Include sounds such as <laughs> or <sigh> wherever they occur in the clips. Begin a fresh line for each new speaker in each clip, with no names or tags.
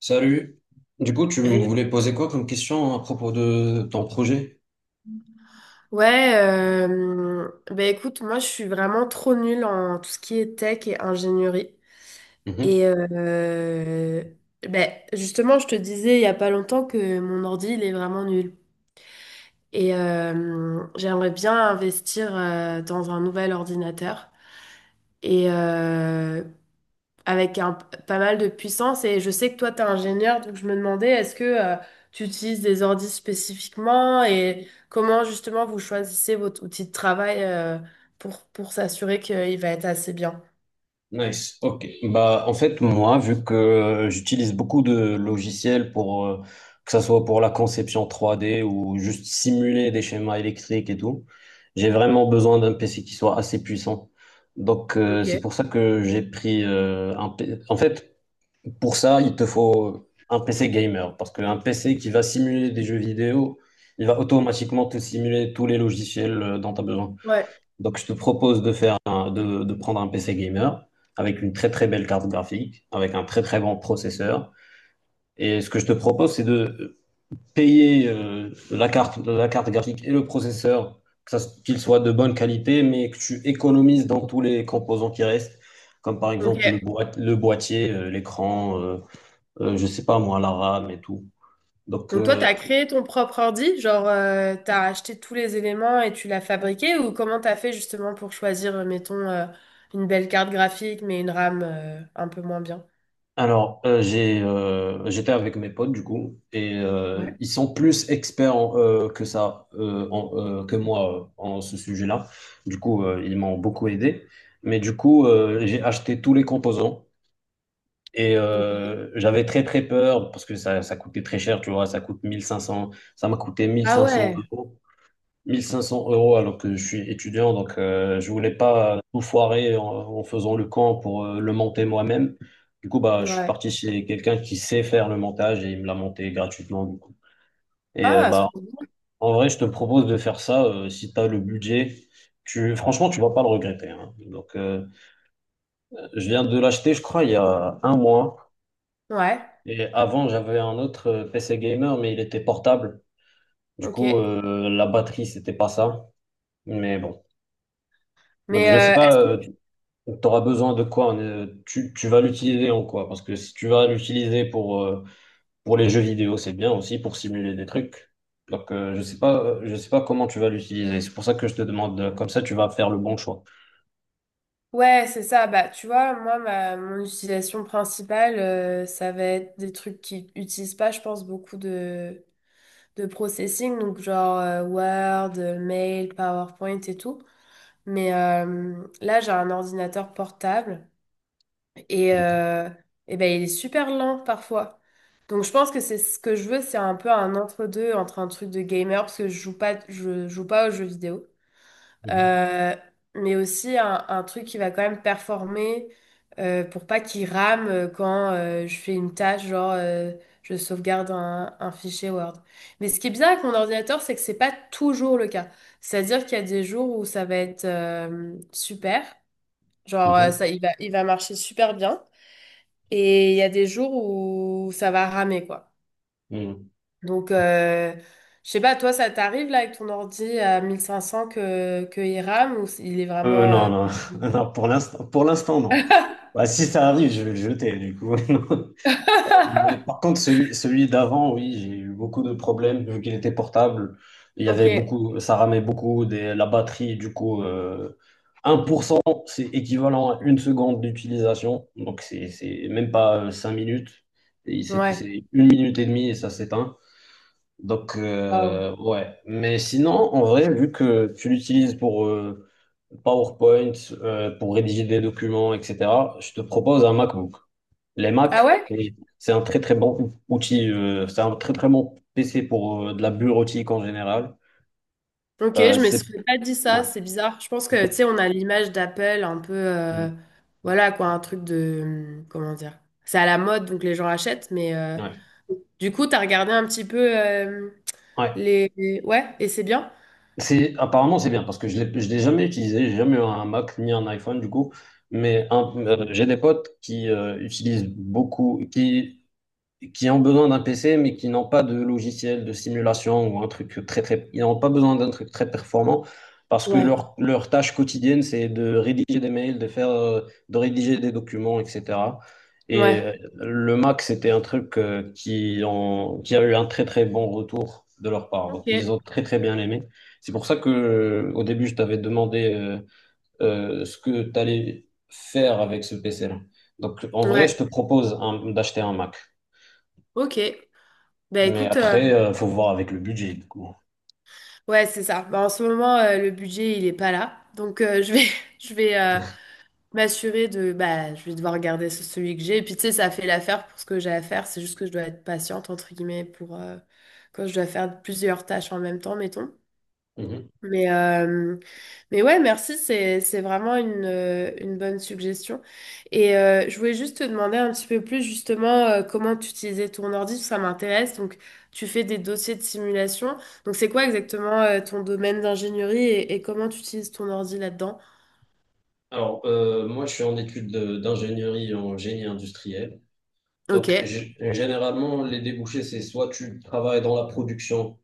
Salut. Du coup, tu
Elle-
voulais poser quoi comme question à propos de ton projet?
Ouais, bah écoute, moi je suis vraiment trop nulle en tout ce qui est tech et ingénierie.
Mhm.
Et euh, bah, justement, je te disais il y a pas longtemps que mon ordi, il est vraiment nul. J'aimerais bien investir dans un nouvel ordinateur. Et euh, avec un, pas mal de puissance. Et je sais que toi, tu es ingénieur, donc je me demandais, est-ce que tu utilises des ordis spécifiquement et comment justement vous choisissez votre outil de travail pour s'assurer qu'il va être assez bien?
Nice. Ok. Bah, en fait, moi, vu que j'utilise beaucoup de logiciels pour que ça soit pour la conception trois d ou juste simuler des schémas électriques et tout, j'ai vraiment besoin d'un PC qui soit assez puissant. Donc, c'est
Ok.
pour ça que j'ai pris un. P- C. En fait, pour ça, il te faut un PC gamer, parce qu'un PC qui va simuler des jeux vidéo, il va automatiquement te simuler tous les logiciels dont tu as besoin.
Ouais,
Donc, je te propose de prendre un PC gamer avec une très très belle carte graphique, avec un très très bon processeur. Et ce que je te propose, c'est de payer la carte graphique et le processeur, qu'ils soient de bonne qualité, mais que tu économises dans tous les composants qui restent, comme par
ok.
exemple le boîtier, l'écran. Je sais pas moi, l'arabe et tout. Donc,
Donc toi, tu as créé ton propre ordi, genre tu as acheté tous les éléments et tu l'as fabriqué ou comment tu as fait justement pour choisir, mettons, une belle carte graphique mais une RAM un peu moins bien?
alors, j'ai, j'étais avec mes potes, du coup, et
Ouais.
ils sont plus experts en, que ça, en- que moi, en ce sujet-là. Du coup, ils m'ont beaucoup aidé. Mais du coup, j'ai acheté tous les composants et
Ok.
j'avais très, très peur parce que ça coûtait très cher, tu vois, ça coûte mille cinq cents, ça m'a coûté mille
Ah
cinq cents
ouais,
euros. 1500 euros, alors que je suis étudiant, donc je voulais pas tout foirer en faisant le camp pour le monter moi-même. Du coup, bah, je suis
ouais.
parti chez quelqu'un qui sait faire le montage et il me l'a monté gratuitement, du coup. Et
Ah,
bah,
trop.
en vrai, je te propose de faire ça si tu as le budget. Franchement, tu vas pas le regretter, hein. Donc, je viens de l'acheter, je crois, il y a un mois.
Ouais,
Et avant, j'avais un autre PC gamer, mais il était portable. Du coup,
ok.
la batterie, c'était pas ça. Mais bon. Donc,
Mais
je sais pas,
est-ce que tu-
donc tu auras besoin de quoi? Tu, tu vas l'utiliser en quoi? Parce que si tu vas l'utiliser pour les jeux vidéo, c'est bien aussi pour simuler des trucs. Donc, je sais pas comment tu vas l'utiliser. C'est pour ça que je te demande, comme ça, tu vas faire le bon choix.
ouais, c'est ça. Bah, tu vois, moi, ma, mon utilisation principale, ça va être des trucs qui utilisent pas, je pense, beaucoup de processing, donc genre Word, Mail, PowerPoint et tout. Mais là, j'ai un ordinateur portable et, euh, et ben, il est super lent parfois. Donc, je pense que c'est ce que je veux, c'est un peu un entre-deux entre un truc de gamer parce que je joue pas aux jeux vidéo.
Mhm.
Euh, mais aussi un truc qui va quand même performer pour pas qu'il rame quand je fais une tâche, genre je sauvegarde un fichier Word. Mais ce qui est bien avec mon ordinateur, c'est que c'est pas toujours le cas. C'est-à-dire qu'il y a des jours où ça va être super, genre
Mhm.
ça, il va marcher super bien, et il y a des jours où ça va ramer, quoi.
Mhm.
Donc, je sais pas, toi, ça t'arrive là avec ton ordi à 1500 que il rame ou il est vraiment...
Non, non, <laughs> non, pour l'instant, non.
<laughs>
Bah, si ça arrive, je vais le jeter, du coup. <laughs> Mais par contre, celui d'avant, oui, j'ai eu beaucoup de problèmes vu qu'il était portable. Il y
Ok,
avait beaucoup, ça ramait beaucoup des, la batterie. Du coup, 1%, c'est équivalent à une seconde d'utilisation. Donc, c'est même pas 5 minutes. Et
ouais.
c'est une minute et demie et ça s'éteint. Donc,
Wow.
ouais. Mais sinon, en vrai, vu que tu l'utilises pour PowerPoint, pour rédiger des documents, etc., je te propose un MacBook. Les
Ah
Mac,
ouais?
et c'est un très très bon outil, c'est un très très bon PC pour de la bureautique en général.
Ok, je me
C'est
serais pas dit
Ouais,
ça, c'est bizarre. Je pense que, tu sais, on a l'image d'Apple un peu,
mm,
voilà quoi, un truc de, comment dire, c'est à la mode, donc les gens achètent, mais
ouais,
du coup, t'as regardé un petit peu
ouais.
les- Ouais, et c'est bien?
C'est apparemment c'est bien parce que je l'ai jamais utilisé, j'ai jamais eu un Mac ni un iPhone du coup, mais j'ai des potes qui utilisent beaucoup, qui ont besoin d'un PC, mais qui n'ont pas de logiciel de simulation ou un truc ils n'ont pas besoin d'un truc très performant parce que
Ouais,
leur tâche quotidienne, c'est de rédiger des mails, de faire, de rédiger des documents, etc. Et
ouais,
le Mac, c'était un truc qui a eu un très, très bon retour de leur part. Donc,
ok,
ils ont très, très bien aimé. C'est pour ça que, au début, je t'avais demandé ce que tu allais faire avec ce PC-là. Donc, en vrai, je
ouais,
te propose d'acheter un Mac.
ok. Bah
Mais
écoute,
après, faut voir avec le budget, du coup.
ouais, c'est ça. Bah, en ce moment, le budget, il est pas là, donc je vais, <laughs> je vais, m'assurer de, bah, je vais devoir regarder ce- celui que j'ai. Et puis, tu sais, ça fait l'affaire pour ce que j'ai à faire. C'est juste que je dois être patiente, entre guillemets, pour quand je dois faire plusieurs tâches en même temps, mettons.
Mhm.
Mais mais ouais, merci, c'est vraiment une bonne suggestion. Et je voulais juste te demander un petit peu plus justement comment tu utilisais ton ordi, ça m'intéresse. Donc, tu fais des dossiers de simulation. Donc, c'est quoi exactement ton domaine d'ingénierie et comment tu utilises ton ordi là-dedans?
Alors, moi, je suis en études d'ingénierie en génie industriel.
Ok,
Donc, généralement, les débouchés, c'est soit tu travailles dans la production,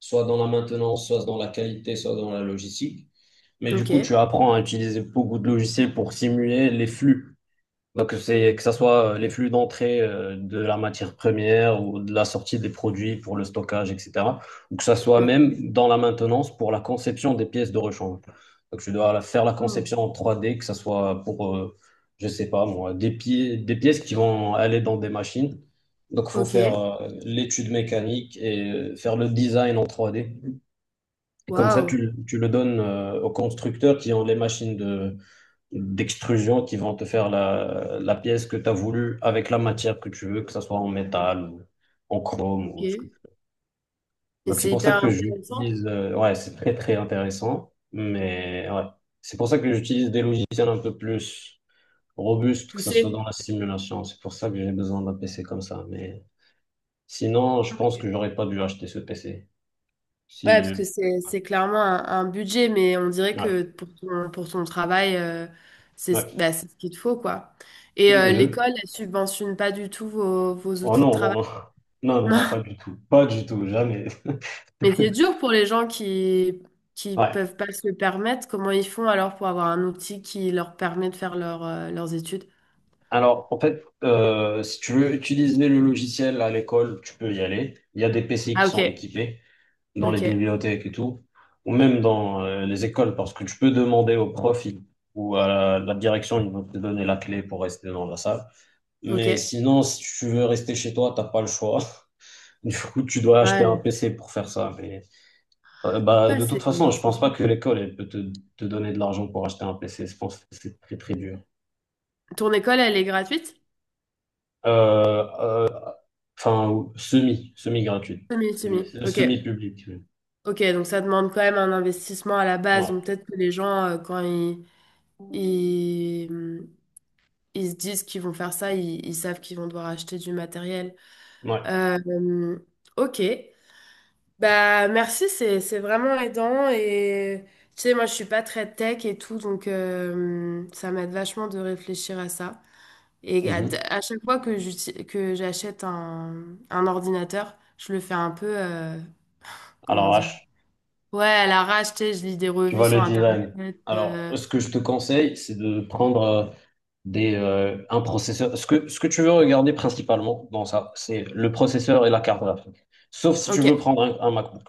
soit dans la maintenance, soit dans la qualité, soit dans la logistique. Mais du coup, tu
ok.
apprends à utiliser beaucoup de logiciels pour simuler les flux. Donc, c'est que ce soit les flux d'entrée de la matière première ou de la sortie des produits pour le stockage, etc. Ou que ce soit
Ok.
même dans la maintenance pour la conception des pièces de rechange. Donc, faire la
Oh,
conception en 3D, que ce soit pour, je sais pas moi, des pièces qui vont aller dans des machines. Donc, il faut
ok.
faire l'étude mécanique et faire le design en 3D. Et comme ça,
Waouh.
tu le donnes aux constructeurs qui ont les machines de d'extrusion qui vont te faire la pièce que tu as voulu avec la matière que tu veux, que ça soit en métal ou en chrome
Ok.
ou ce que
Et
tu veux. Donc c'est
c'est
pour ça
hyper
que
intéressant.
j'utilise, ouais, c'est très très intéressant, mais ouais, c'est pour ça que j'utilise des logiciels un peu plus robustes, que ce soit dans
Poussé.
la simulation. C'est pour ça que j'ai besoin d'un PC comme ça. Mais sinon, je pense que
Ok.
j'aurais pas dû acheter ce PC.
Ouais,
Si,
parce que c'est clairement un budget, mais on dirait
ouais,
que pour ton travail, c'est
ouais,
ce-
ouais.
bah, c'est ce qu'il te faut, quoi. Et
Je-
l'école, elle subventionne pas du tout vos, vos
oh
outils de
non, non,
travail.
non,
<laughs>
<laughs> non, non,
Non.
non, pas du tout, pas du tout, jamais. <laughs>
Mais c'est dur pour les gens qui
Ouais.
peuvent pas se le permettre. Comment ils font alors pour avoir un outil qui leur permet de faire leur, leurs études?
Alors, en fait, si tu veux utiliser le logiciel à l'école, tu peux y aller. Il y a des PC qui
Ah,
sont
ok.
équipés dans les
Ok.
bibliothèques et tout, ou même dans les écoles, parce que tu peux demander au ou à la direction, ils vont te donner la clé pour rester dans la salle.
Ok.
Mais sinon, si tu veux rester chez toi, t'as pas le choix. <laughs> Du coup, tu dois acheter un
Ouais.
PC pour faire ça. Mais, bah,
Ouais,
de toute façon, je
c'est
pense pas que l'école elle peut te donner de l'argent pour acheter un PC. Je pense que c'est très très dur.
Ton école, elle est gratuite?
Euh, Enfin, semi, semi-gratuite.
Semi,
Semi.
semi. Ok.
Semi-public. Oui.
Ok, donc ça demande quand même un investissement à la base.
Ouais,
Donc peut-être que les gens, quand ils, ils se disent qu'ils vont faire ça, ils savent qu'ils vont devoir acheter du matériel.
ouais.
Euh, hum, ok. Bah merci, c'est vraiment aidant. Et tu sais, moi, je suis pas très tech et tout, donc ça m'aide vachement de réfléchir à ça. Et
Mhm.
à chaque fois que j'uti- que j'achète un ordinateur, je le fais un peu, comment
Alors,
dire?
H,
Ouais, à l'arrache, tu sais, je lis des
tu
revues
vois
sur
le design.
Internet.
Alors, ce que je te conseille, c'est de prendre un processeur. Ce que tu veux regarder principalement dans ça, c'est le processeur et la carte graphique. Sauf si tu
Ok,
veux prendre un MacBook.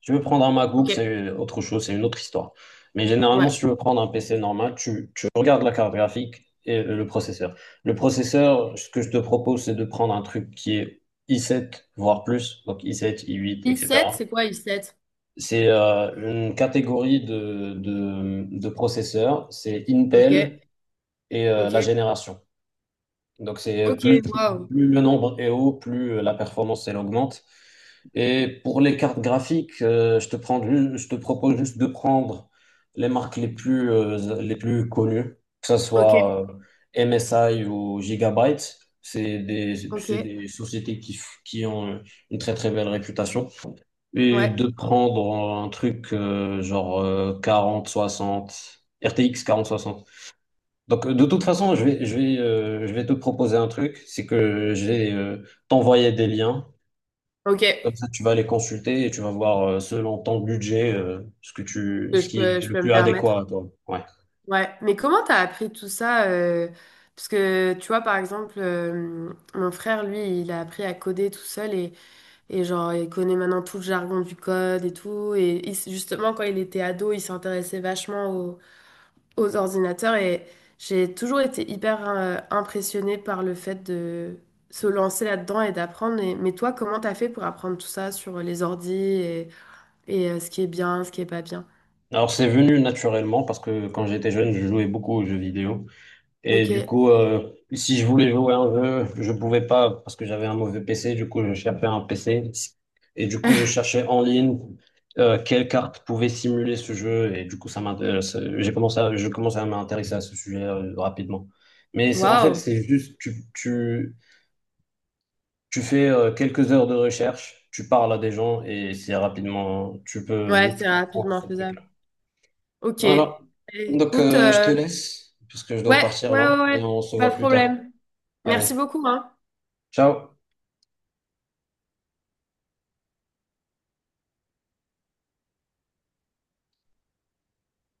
Si tu veux prendre un
ok,
MacBook, c'est autre chose, c'est une autre histoire. Mais généralement,
ouais.
si tu veux prendre un PC normal, tu regardes la carte graphique et le processeur. Le processeur, ce que je te propose, c'est de prendre un truc qui est i7, voire plus, donc i7, i8,
I7,
etc.
c'est quoi I7?
C'est une catégorie de processeurs, c'est
Ok,
Intel et la
ok,
génération. Donc c'est
ok,
plus,
wow.
plus le nombre est haut, plus la performance elle augmente. Et pour les cartes graphiques, je te propose juste de prendre les marques les plus connues, que ce
Ok,
soit MSI ou Gigabyte.
ok,
C'est des sociétés qui ont une très très belle réputation. Et
ouais,
de prendre un truc genre 40, 60, quarante soixante. Donc, de toute façon, je vais te proposer un truc, c'est que je vais t'envoyer des liens.
ok,
Comme ça, tu vas les consulter et tu vas voir, selon ton budget,
que
ce qui est
je
le
peux
plus
me
adéquat
permettre.
à toi. Ouais.
Ouais, mais comment t'as appris tout ça? Parce que, tu vois, par exemple, mon frère, lui, il a appris à coder tout seul et genre, il connaît maintenant tout le jargon du code et tout. Et il- s- justement, quand il était ado, il s'intéressait vachement aux ordinateurs et j'ai toujours été hyper impressionnée par le fait de se lancer là-dedans et d'apprendre. Et- Mais toi, comment t'as fait pour apprendre tout ça sur les ordis et, ce qui est bien, ce qui est pas bien?
Alors, c'est venu naturellement parce que quand j'étais jeune, je jouais beaucoup aux jeux vidéo. Et du
Ok.
coup, si je voulais jouer à un jeu, je pouvais pas parce que j'avais un mauvais PC. Du coup, je cherchais un PC. Et du coup, je
<laughs>
cherchais en ligne quelle carte pouvait simuler ce jeu. Et du coup, ça m'intéresse. Je commençais à m'intéresser à ce sujet rapidement. Mais en fait,
Waouh.
c'est juste, tu fais quelques heures de recherche, tu parles à des gens et c'est rapidement, tu peux
Ouais,
vite
c'est
comprendre
rapidement
ce truc-là.
faisable. Ok.
Voilà. Donc,
Écoute,
je te laisse parce que je dois
ouais,
partir
ouais, ouais,
là et
ouais,
on se
pas
voit
de
plus tard.
problème. Merci
Allez.
beaucoup, hein.
Ciao.